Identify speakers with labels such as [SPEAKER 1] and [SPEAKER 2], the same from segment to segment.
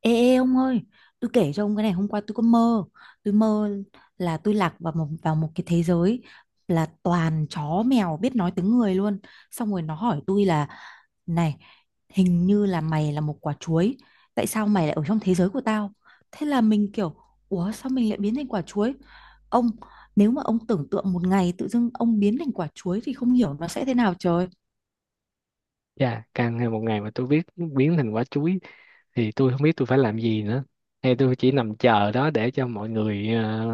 [SPEAKER 1] Ê, ê ông ơi, tôi kể cho ông cái này hôm qua tôi có mơ. Tôi mơ là tôi lạc vào một cái thế giới là toàn chó mèo biết nói tiếng người luôn. Xong rồi nó hỏi tôi là này, hình như là mày là một quả chuối, tại sao mày lại ở trong thế giới của tao? Thế là mình kiểu ủa sao mình lại biến thành quả chuối? Ông nếu mà ông tưởng tượng một ngày tự dưng ông biến thành quả chuối thì không hiểu nó sẽ thế nào trời.
[SPEAKER 2] Dạ, càng hay một ngày mà tôi biết biến thành quả chuối thì tôi không biết tôi phải làm gì nữa. Hay tôi chỉ nằm chờ đó để cho mọi người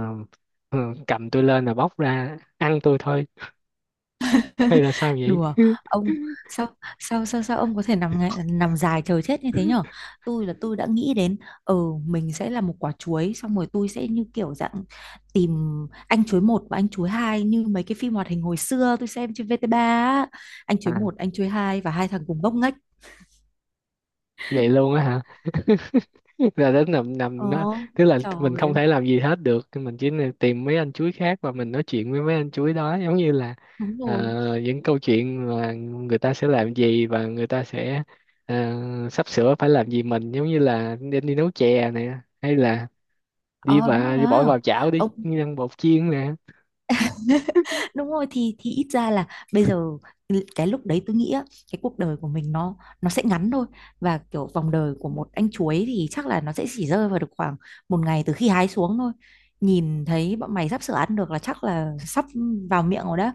[SPEAKER 2] ờ, cầm tôi lên là bóc ra ăn tôi thôi. Hay là sao vậy?
[SPEAKER 1] Đùa ông sao sao sao sao ông có thể nằm dài chờ chết như thế nhở? Tôi là tôi đã nghĩ đến ừ mình sẽ là một quả chuối xong rồi tôi sẽ như kiểu dạng tìm anh chuối một và anh chuối hai như mấy cái phim hoạt hình hồi xưa tôi xem trên VTV á, anh chuối
[SPEAKER 2] À,
[SPEAKER 1] một anh chuối hai và hai thằng cùng ngốc nghếch.
[SPEAKER 2] vậy luôn á hả? Là đến nằm
[SPEAKER 1] Ờ
[SPEAKER 2] nằm nó, tức là
[SPEAKER 1] trời
[SPEAKER 2] mình không
[SPEAKER 1] ơi,
[SPEAKER 2] thể làm gì hết được, mình chỉ nên tìm mấy anh chuối khác và mình nói chuyện với mấy anh chuối đó, giống như là
[SPEAKER 1] đúng rồi.
[SPEAKER 2] những câu chuyện mà người ta sẽ làm gì và người ta sẽ ờ, sắp sửa phải làm gì, mình giống như là đi nấu chè nè, hay là đi
[SPEAKER 1] Ờ đúng
[SPEAKER 2] và
[SPEAKER 1] rồi
[SPEAKER 2] đi bỏ
[SPEAKER 1] á.
[SPEAKER 2] vào chảo để
[SPEAKER 1] Ông
[SPEAKER 2] ăn bột chiên nè.
[SPEAKER 1] đúng rồi thì ít ra là bây giờ cái lúc đấy tôi nghĩ á, cái cuộc đời của mình nó sẽ ngắn thôi và kiểu vòng đời của một anh chuối thì chắc là nó sẽ chỉ rơi vào được khoảng một ngày từ khi hái xuống thôi. Nhìn thấy bọn mày sắp sửa ăn được là chắc là sắp vào miệng rồi đó,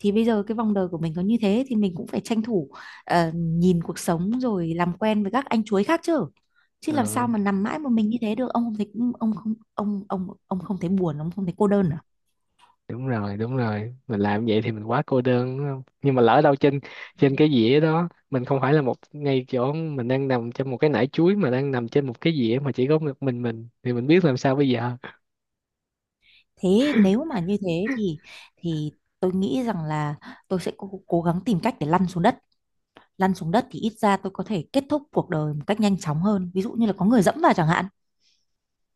[SPEAKER 1] thì bây giờ cái vòng đời của mình có như thế thì mình cũng phải tranh thủ nhìn cuộc sống rồi làm quen với các anh chuối khác chứ, chứ làm
[SPEAKER 2] Ờ,
[SPEAKER 1] sao mà nằm mãi một mình như thế được? Ông không thấy, ông không ông không thấy buồn, ông không thấy cô đơn à?
[SPEAKER 2] đúng rồi, đúng rồi, mình làm vậy thì mình quá cô đơn đúng không, nhưng mà lỡ đâu trên trên cái dĩa đó mình không phải là một, ngay chỗ mình đang nằm trong một cái nải chuối mà đang nằm trên một cái dĩa mà chỉ có một mình thì mình biết làm sao bây giờ.
[SPEAKER 1] Thế nếu mà như thế thì tôi nghĩ rằng là tôi sẽ cố gắng tìm cách để lăn xuống đất. Lăn xuống đất thì ít ra tôi có thể kết thúc cuộc đời một cách nhanh chóng hơn. Ví dụ như là có người dẫm vào chẳng hạn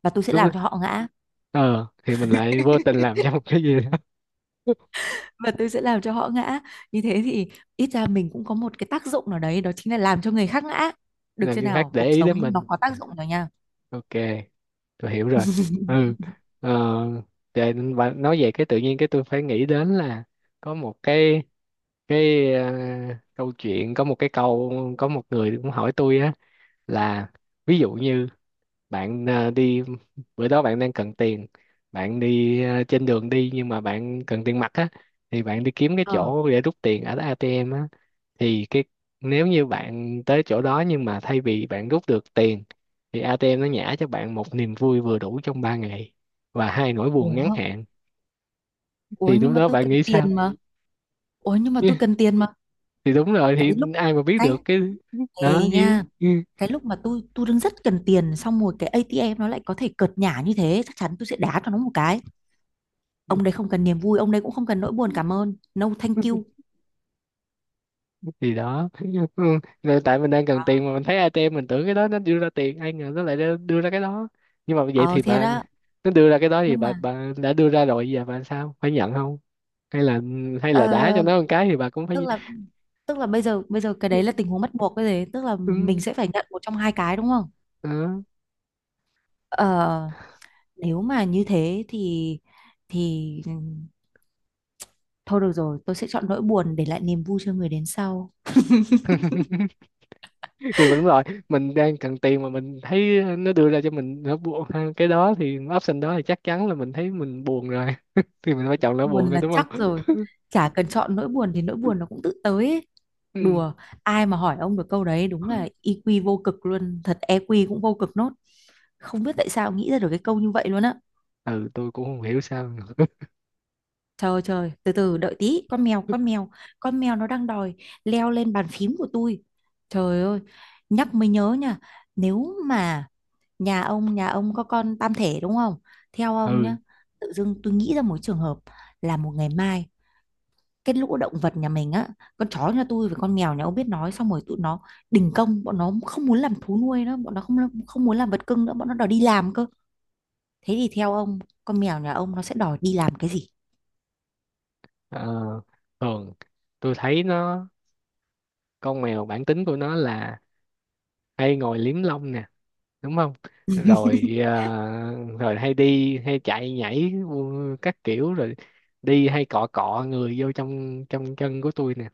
[SPEAKER 1] và tôi sẽ
[SPEAKER 2] lúc đó-
[SPEAKER 1] làm cho họ ngã.
[SPEAKER 2] ờ thì mình lại vô tình làm cho một cái gì đó.
[SPEAKER 1] Và tôi sẽ làm cho họ ngã. Như thế thì ít ra mình cũng có một cái tác dụng nào đấy, đó chính là làm cho người khác ngã. Được
[SPEAKER 2] Làm
[SPEAKER 1] chưa
[SPEAKER 2] cho khác
[SPEAKER 1] nào?
[SPEAKER 2] để
[SPEAKER 1] Cuộc
[SPEAKER 2] ý đến
[SPEAKER 1] sống nó
[SPEAKER 2] mình.
[SPEAKER 1] có tác dụng rồi nha.
[SPEAKER 2] Ok, tôi hiểu rồi. Ừ. Ờ, để và nói về cái tự nhiên, cái tôi phải nghĩ đến là có một cái câu chuyện, có một cái câu, có một người cũng hỏi tôi á, là ví dụ như bạn đi, bữa đó bạn đang cần tiền, bạn đi trên đường đi nhưng mà bạn cần tiền mặt á, thì bạn đi kiếm cái
[SPEAKER 1] Ờ.
[SPEAKER 2] chỗ để rút tiền ở ATM á, thì cái nếu như bạn tới chỗ đó nhưng mà thay vì bạn rút được tiền thì ATM nó nhả cho bạn một niềm vui vừa đủ trong 3 ngày và hai nỗi buồn ngắn
[SPEAKER 1] Ủa,
[SPEAKER 2] hạn,
[SPEAKER 1] ủa
[SPEAKER 2] thì lúc
[SPEAKER 1] nhưng mà
[SPEAKER 2] đó
[SPEAKER 1] tôi
[SPEAKER 2] bạn
[SPEAKER 1] cần
[SPEAKER 2] nghĩ sao?
[SPEAKER 1] tiền mà. Ủa nhưng mà tôi cần tiền mà.
[SPEAKER 2] Thì đúng rồi,
[SPEAKER 1] Cái
[SPEAKER 2] thì
[SPEAKER 1] lúc
[SPEAKER 2] ai mà biết
[SPEAKER 1] cái
[SPEAKER 2] được cái đó
[SPEAKER 1] Ê
[SPEAKER 2] chứ.
[SPEAKER 1] nha, cái lúc mà tôi đang rất cần tiền xong rồi cái ATM nó lại có thể cợt nhả như thế, chắc chắn tôi sẽ đá cho nó một cái. Ông đấy không cần niềm vui, ông đấy cũng không cần nỗi buồn, cảm ơn, no thank you.
[SPEAKER 2] Thì đó. Ừ. Rồi tại mình đang cần tiền mà mình thấy ATM, mình tưởng cái đó nó đưa ra tiền, ai ngờ nó lại đưa ra cái đó. Nhưng mà vậy
[SPEAKER 1] Ờ
[SPEAKER 2] thì
[SPEAKER 1] thế
[SPEAKER 2] bạn,
[SPEAKER 1] đó.
[SPEAKER 2] nó đưa ra cái đó thì
[SPEAKER 1] Nhưng
[SPEAKER 2] bà
[SPEAKER 1] mà
[SPEAKER 2] bà đã đưa ra rồi, giờ bà sao phải nhận không, hay là, hay là đá cho
[SPEAKER 1] ờ,
[SPEAKER 2] nó một cái thì bà cũng
[SPEAKER 1] tức
[SPEAKER 2] phải.
[SPEAKER 1] là bây giờ cái đấy là tình huống bắt buộc cái gì, tức là
[SPEAKER 2] Ừ.
[SPEAKER 1] mình sẽ phải nhận một trong hai cái đúng không?
[SPEAKER 2] Đó.
[SPEAKER 1] Ờ, nếu mà như thế thì ừ, thôi được rồi tôi sẽ chọn nỗi buồn để lại niềm vui cho người đến sau.
[SPEAKER 2] Thì mình đúng rồi, mình đang cần tiền mà mình thấy nó đưa ra cho mình nó buồn ha, cái đó thì option đó thì chắc chắn là mình thấy mình buồn rồi, thì mình phải chọn nó
[SPEAKER 1] Buồn
[SPEAKER 2] buồn thôi
[SPEAKER 1] là
[SPEAKER 2] đúng
[SPEAKER 1] chắc
[SPEAKER 2] không.
[SPEAKER 1] rồi, chả cần chọn nỗi buồn thì nỗi buồn nó cũng tự tới ấy.
[SPEAKER 2] Ừ,
[SPEAKER 1] Đùa, ai mà hỏi ông được câu đấy đúng là EQ vô cực luôn thật, EQ cũng vô cực nốt. Không biết tại sao nghĩ ra được cái câu như vậy luôn á.
[SPEAKER 2] ừ tôi cũng không hiểu sao.
[SPEAKER 1] Trời ơi, trời từ từ đợi tí, con mèo nó đang đòi leo lên bàn phím của tôi. Trời ơi, nhắc mới nhớ nha, nếu mà nhà ông có con tam thể đúng không? Theo ông
[SPEAKER 2] Ừ.
[SPEAKER 1] nhá, tự dưng tôi nghĩ ra một trường hợp là một ngày mai cái lũ động vật nhà mình á, con chó nhà tôi với con mèo nhà ông biết nói xong rồi tụi nó đình công, bọn nó không muốn làm thú nuôi nữa, bọn nó không không muốn làm vật cưng nữa, bọn nó đòi đi làm cơ. Thế thì theo ông, con mèo nhà ông nó sẽ đòi đi làm cái gì?
[SPEAKER 2] Ờ, thường tôi thấy nó, con mèo bản tính của nó là hay ngồi liếm lông nè đúng không, rồi rồi hay đi hay chạy nhảy các kiểu, rồi đi hay cọ cọ người vô trong trong chân của tôi nè,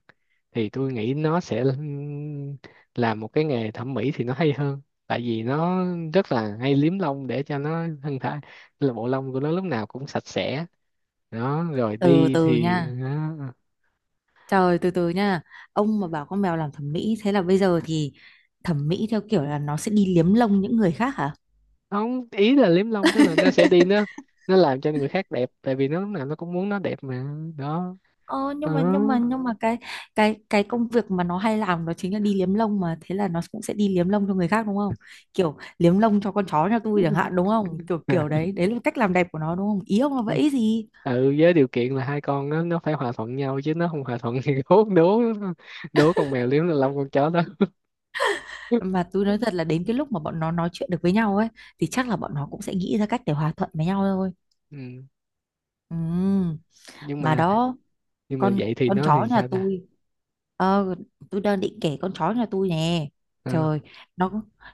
[SPEAKER 2] thì tôi nghĩ nó sẽ làm một cái nghề thẩm mỹ thì nó hay hơn, tại vì nó rất là hay liếm lông để cho nó thân thể, là bộ lông của nó lúc nào cũng sạch sẽ, đó rồi
[SPEAKER 1] Từ
[SPEAKER 2] đi
[SPEAKER 1] từ
[SPEAKER 2] thì
[SPEAKER 1] nha,
[SPEAKER 2] đó.
[SPEAKER 1] trời từ từ nha. Ông mà bảo con mèo làm thẩm mỹ, thế là bây giờ thì thẩm mỹ theo kiểu là nó sẽ đi liếm lông những người khác hả?
[SPEAKER 2] Không, ý là liếm lông tức là nó sẽ đi, nó làm cho người khác đẹp tại vì nó lúc nào nó cũng muốn nó đẹp mà. Đó.
[SPEAKER 1] Ờ,
[SPEAKER 2] Ừ.
[SPEAKER 1] nhưng mà cái công việc mà nó hay làm đó chính là đi liếm lông mà, thế là nó cũng sẽ đi liếm lông cho người khác đúng không? Kiểu liếm lông cho con chó nhà tôi chẳng hạn, đúng không? Kiểu kiểu đấy, đấy là cách làm đẹp của nó đúng không, ý ông là vậy gì?
[SPEAKER 2] Ừ, với điều kiện là hai con nó phải hòa thuận nhau, chứ nó không hòa thuận thì đố đố đố con mèo liếm lên lông con chó đó.
[SPEAKER 1] Mà tôi nói thật là đến cái lúc mà bọn nó nói chuyện được với nhau ấy thì chắc là bọn nó cũng sẽ nghĩ ra cách để hòa thuận với nhau thôi.
[SPEAKER 2] Ừ.
[SPEAKER 1] Ừm,
[SPEAKER 2] Nhưng
[SPEAKER 1] mà
[SPEAKER 2] mà,
[SPEAKER 1] đó,
[SPEAKER 2] nhưng mà
[SPEAKER 1] con
[SPEAKER 2] vậy thì
[SPEAKER 1] con
[SPEAKER 2] nó
[SPEAKER 1] chó
[SPEAKER 2] thì
[SPEAKER 1] nhà
[SPEAKER 2] sao ta.
[SPEAKER 1] tôi, ờ tôi đang định kể con chó nhà tôi nè.
[SPEAKER 2] Ừ.
[SPEAKER 1] Trời, nó,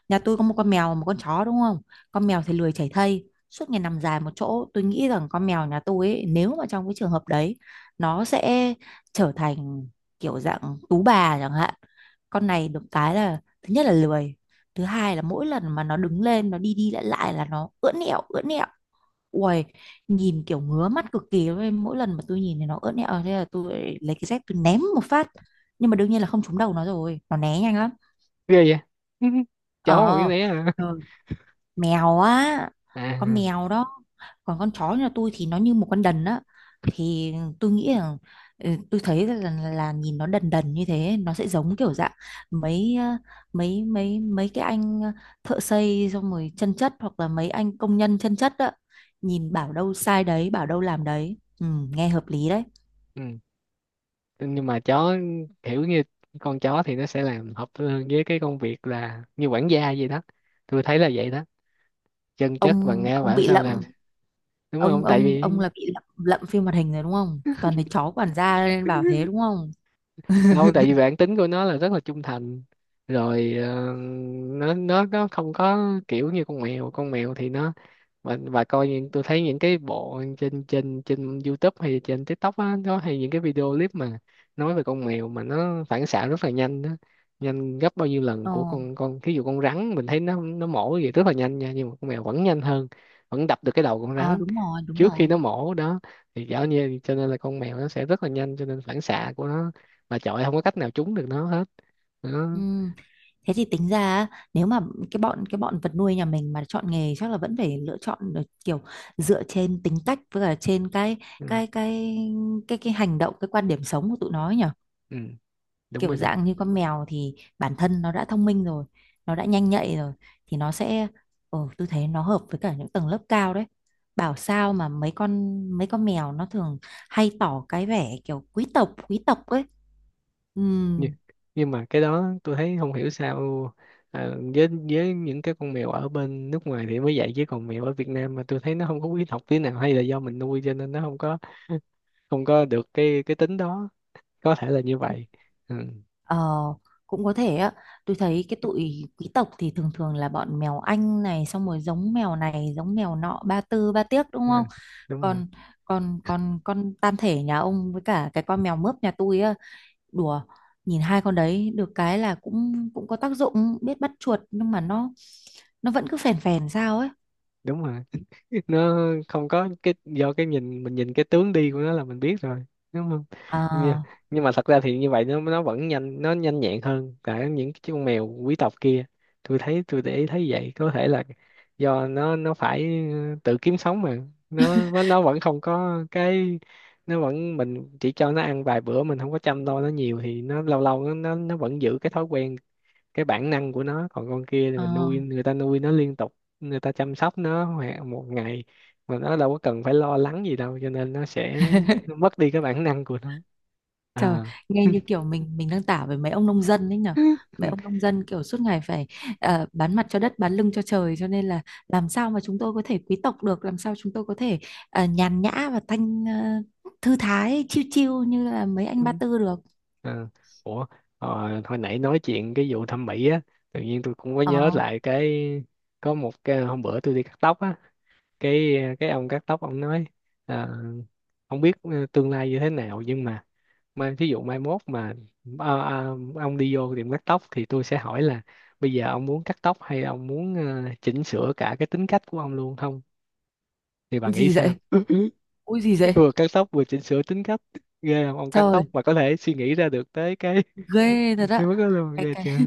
[SPEAKER 1] nhà tôi có một con mèo và một con chó đúng không? Con mèo thì lười chảy thây suốt ngày nằm dài một chỗ, tôi nghĩ rằng con mèo nhà tôi ấy, nếu mà trong cái trường hợp đấy nó sẽ trở thành kiểu dạng tú bà chẳng hạn. Con này được cái là thứ nhất là lười, thứ hai là mỗi lần mà nó đứng lên nó đi đi lại lại là nó ưỡn ẹo ưỡn ẹo. Uầy, nhìn kiểu ngứa mắt cực kỳ luôn, mỗi lần mà tôi nhìn thì nó ớn ẹo thế là tôi lại lấy cái dép tôi ném một phát, nhưng mà đương nhiên là không trúng đầu nó rồi, nó né nhanh lắm.
[SPEAKER 2] Ghê vậy. Chó mà biết
[SPEAKER 1] Ờ
[SPEAKER 2] né à?
[SPEAKER 1] mèo á, con
[SPEAKER 2] À.
[SPEAKER 1] mèo đó. Còn con chó nhà tôi thì nó như một con đần á, thì tôi nghĩ là ừ, tôi thấy là nhìn nó đần đần như thế nó sẽ giống kiểu dạng mấy ờ, mấy cái anh thợ xây xong rồi chân chất hoặc là mấy anh công nhân chân chất á, nhìn bảo đâu sai đấy bảo đâu làm đấy, ừ, nghe hợp lý đấy.
[SPEAKER 2] Ừ. Nhưng mà chó kiểu như, con chó thì nó sẽ làm hợp hơn với cái công việc là như quản gia gì đó, tôi thấy là vậy đó, chân chất và nghe
[SPEAKER 1] Ông
[SPEAKER 2] bảo
[SPEAKER 1] bị
[SPEAKER 2] sao làm,
[SPEAKER 1] lậm,
[SPEAKER 2] đúng không, tại vì,
[SPEAKER 1] ông là bị lậm phim hoạt hình rồi đúng không, toàn thấy chó quản gia nên bảo thế đúng không?
[SPEAKER 2] đâu tại vì bản tính của nó là rất là trung thành, rồi nó nó không có kiểu như con mèo, con mèo thì nó, và coi những, tôi thấy những cái bộ trên trên trên YouTube hay trên TikTok á, nó hay những cái video clip mà nói về con mèo mà nó phản xạ rất là nhanh đó, nhanh gấp bao nhiêu lần
[SPEAKER 1] Ờ,
[SPEAKER 2] của con ví dụ con rắn mình thấy nó mổ vậy rất là nhanh nha, nhưng mà con mèo vẫn nhanh hơn, vẫn đập được cái đầu con
[SPEAKER 1] à,
[SPEAKER 2] rắn
[SPEAKER 1] đúng rồi, đúng
[SPEAKER 2] trước khi
[SPEAKER 1] rồi.
[SPEAKER 2] nó mổ đó, thì dạo như cho nên là con mèo nó sẽ rất là nhanh, cho nên phản xạ của nó mà chọi không có cách nào trúng được nó hết đó.
[SPEAKER 1] Ừm, Thế thì tính ra á, nếu mà cái bọn vật nuôi nhà mình mà chọn nghề chắc là vẫn phải lựa chọn được kiểu dựa trên tính cách với cả trên cái
[SPEAKER 2] Ừ,
[SPEAKER 1] cái cái cái hành động, cái quan điểm sống của tụi nó ấy nhỉ.
[SPEAKER 2] ừ, đúng
[SPEAKER 1] Kiểu
[SPEAKER 2] rồi đó.
[SPEAKER 1] dạng như con mèo thì bản thân nó đã thông minh rồi, nó đã nhanh nhạy rồi thì nó sẽ ờ, tôi thấy nó hợp với cả những tầng lớp cao đấy. Bảo sao mà mấy con mèo nó thường hay tỏ cái vẻ kiểu quý tộc ấy. Ừ,
[SPEAKER 2] nhưng, nhưng mà cái đó tôi thấy không hiểu sao, ờ, với những cái con mèo ở bên nước ngoài thì mới dạy với con mèo ở Việt Nam mà tôi thấy nó không có quý học tí nào, hay là do mình nuôi cho nên nó không có, không có được cái tính đó, có thể là như vậy. Ừ,
[SPEAKER 1] ờ, cũng có thể á. Tôi thấy cái tụi quý tộc thì thường thường là bọn mèo Anh này xong rồi giống mèo này, giống mèo nọ, ba tư ba tiếc đúng
[SPEAKER 2] ừ,
[SPEAKER 1] không?
[SPEAKER 2] đúng rồi
[SPEAKER 1] Còn còn còn con tam thể nhà ông với cả cái con mèo mướp nhà tôi á, đùa, nhìn hai con đấy được cái là cũng cũng có tác dụng biết bắt chuột nhưng mà nó vẫn cứ phèn phèn sao ấy.
[SPEAKER 2] đúng rồi. Nó không có cái, do cái nhìn, mình nhìn cái tướng đi của nó là mình biết rồi đúng không.
[SPEAKER 1] Ờ,
[SPEAKER 2] Nhưng, nhưng mà thật ra thì như vậy nó vẫn nhanh, nó nhanh nhẹn hơn cả những cái con mèo quý tộc kia, tôi thấy tôi để ý thấy vậy, có thể là do nó phải tự kiếm sống mà, nó vẫn không có cái, nó vẫn mình chỉ cho nó ăn vài bữa, mình không có chăm lo nó nhiều thì nó lâu lâu nó nó vẫn giữ cái thói quen, cái bản năng của nó. Còn con kia thì mình
[SPEAKER 1] ờ.
[SPEAKER 2] nuôi, người ta nuôi nó liên tục, người ta chăm sóc nó hoặc một ngày mà nó đâu có cần phải lo lắng gì đâu cho nên nó sẽ, nó mất đi cái bản năng của nó.
[SPEAKER 1] Trời,
[SPEAKER 2] À.
[SPEAKER 1] nghe như kiểu mình đang tả với mấy ông nông dân ấy nhở. Mấy ông nông dân kiểu suốt ngày phải ờ, bán mặt cho đất, bán lưng cho trời cho nên là làm sao mà chúng tôi có thể quý tộc được, làm sao chúng tôi có thể ờ, nhàn nhã và thanh ờ, thư thái chiêu chiêu như là mấy anh Ba Tư được.
[SPEAKER 2] À. Ủa, ờ, hồi nãy nói chuyện cái vụ thẩm mỹ á, tự nhiên tôi cũng có
[SPEAKER 1] Ờ,
[SPEAKER 2] nhớ lại cái, có một cái hôm bữa tôi đi cắt tóc á, cái ông cắt tóc ông nói, à, không biết tương lai như thế nào nhưng mà, mai thí dụ mai mốt mà, ông đi vô tiệm cắt tóc thì tôi sẽ hỏi là, bây giờ ông muốn cắt tóc hay ông muốn chỉnh sửa cả cái tính cách của ông luôn không, thì bà nghĩ
[SPEAKER 1] gì
[SPEAKER 2] sao?
[SPEAKER 1] vậy? Ui gì vậy?
[SPEAKER 2] Vừa cắt tóc vừa chỉnh sửa tính cách, ghê không, ông cắt tóc
[SPEAKER 1] Trời,
[SPEAKER 2] mà có thể suy nghĩ ra được tới cái
[SPEAKER 1] ghê thật
[SPEAKER 2] cái
[SPEAKER 1] á.
[SPEAKER 2] mức đó luôn, ghê
[SPEAKER 1] Cái
[SPEAKER 2] chưa.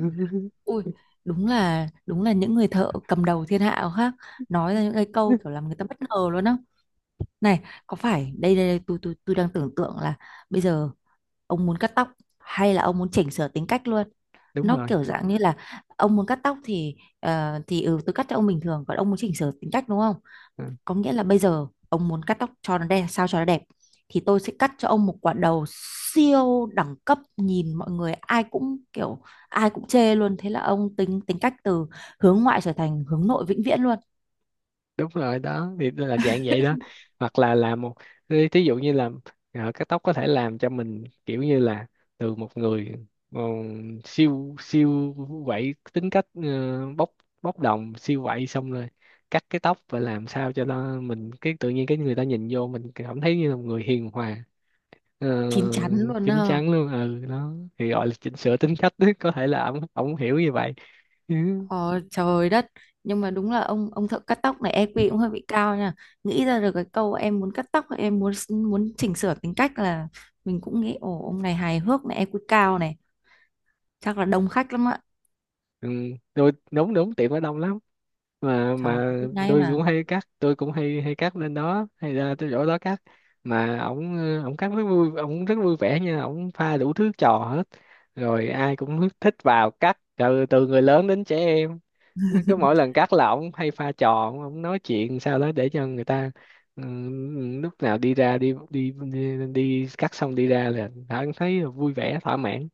[SPEAKER 1] ui đúng là những người thợ cầm đầu thiên hạ khác nói ra những cái câu kiểu làm người ta bất ngờ luôn á. Này, có phải đây đây, đây tôi tôi đang tưởng tượng là bây giờ ông muốn cắt tóc hay là ông muốn chỉnh sửa tính cách luôn.
[SPEAKER 2] Đúng
[SPEAKER 1] Nó
[SPEAKER 2] rồi.
[SPEAKER 1] kiểu dạng như là ông muốn cắt tóc thì ờ, thì ừ tôi cắt cho ông bình thường, còn ông muốn chỉnh sửa tính cách đúng không?
[SPEAKER 2] Ờ.
[SPEAKER 1] Có nghĩa là bây giờ ông muốn cắt tóc cho nó đẹp, sao cho nó đẹp thì tôi sẽ cắt cho ông một quả đầu siêu đẳng cấp, nhìn mọi người ai cũng kiểu ai cũng chê luôn, thế là ông tính tính cách từ hướng ngoại trở thành hướng nội vĩnh viễn luôn,
[SPEAKER 2] Đúng rồi đó, thì nó là dạng vậy đó, hoặc là làm một, thí thí dụ như là, ờ, cắt tóc có thể làm cho mình kiểu như là từ một người, ờ, siêu siêu quậy, tính cách bốc bốc đồng siêu quậy, xong rồi cắt cái tóc và làm sao cho nó mình cái tự nhiên cái người ta nhìn vô mình cảm thấy như là một người hiền hòa, ờ,
[SPEAKER 1] chín chắn luôn
[SPEAKER 2] chín
[SPEAKER 1] à.
[SPEAKER 2] chắn luôn. Ừ đó thì gọi là chỉnh sửa tính cách, có thể là ổng ổng hiểu như vậy. Ừ.
[SPEAKER 1] Ờ, trời đất, nhưng mà đúng là ông thợ cắt tóc này EQ cũng hơi bị cao nha, nghĩ ra được cái câu em muốn cắt tóc em muốn muốn chỉnh sửa tính cách, là mình cũng nghĩ ồ ông này hài hước này EQ cao này, chắc là đông khách lắm ạ.
[SPEAKER 2] Ừ, rồi đúng đúng, tiệm ở đông lắm, mà
[SPEAKER 1] Trời
[SPEAKER 2] mà
[SPEAKER 1] biết ngay
[SPEAKER 2] tôi
[SPEAKER 1] mà.
[SPEAKER 2] cũng hay cắt, tôi cũng hay hay cắt lên đó, hay ra tới chỗ đó cắt, mà ổng, ổng cắt rất vui, ổng rất vui vẻ nha, ổng pha đủ thứ trò hết, rồi ai cũng thích vào cắt, từ từ người lớn đến trẻ em, cứ mỗi lần cắt là ổng hay pha trò, ổng ổng nói chuyện sao đó để cho người ta, ừ, lúc nào đi ra đi cắt xong đi ra là đã thấy vui vẻ thỏa mãn.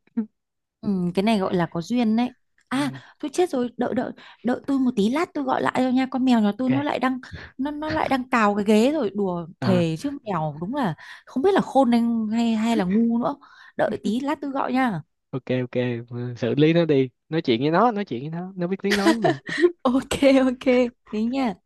[SPEAKER 1] Ừ, cái này gọi là có duyên đấy. À
[SPEAKER 2] Ừ,
[SPEAKER 1] tôi chết rồi, đợi đợi đợi tôi một tí, lát tôi gọi lại cho nha, con mèo nhà tôi nó
[SPEAKER 2] ok.
[SPEAKER 1] lại đang, nó lại đang cào cái ghế rồi, đùa
[SPEAKER 2] À,
[SPEAKER 1] thề chứ mèo đúng là không biết là khôn hay hay là ngu nữa. Đợi tí lát tôi gọi nha.
[SPEAKER 2] ok, ok. Ừ, xử lý nó đi, nói chuyện với nó, nói chuyện với nó biết tiếng nói mà.
[SPEAKER 1] Ok ok. Thế nha.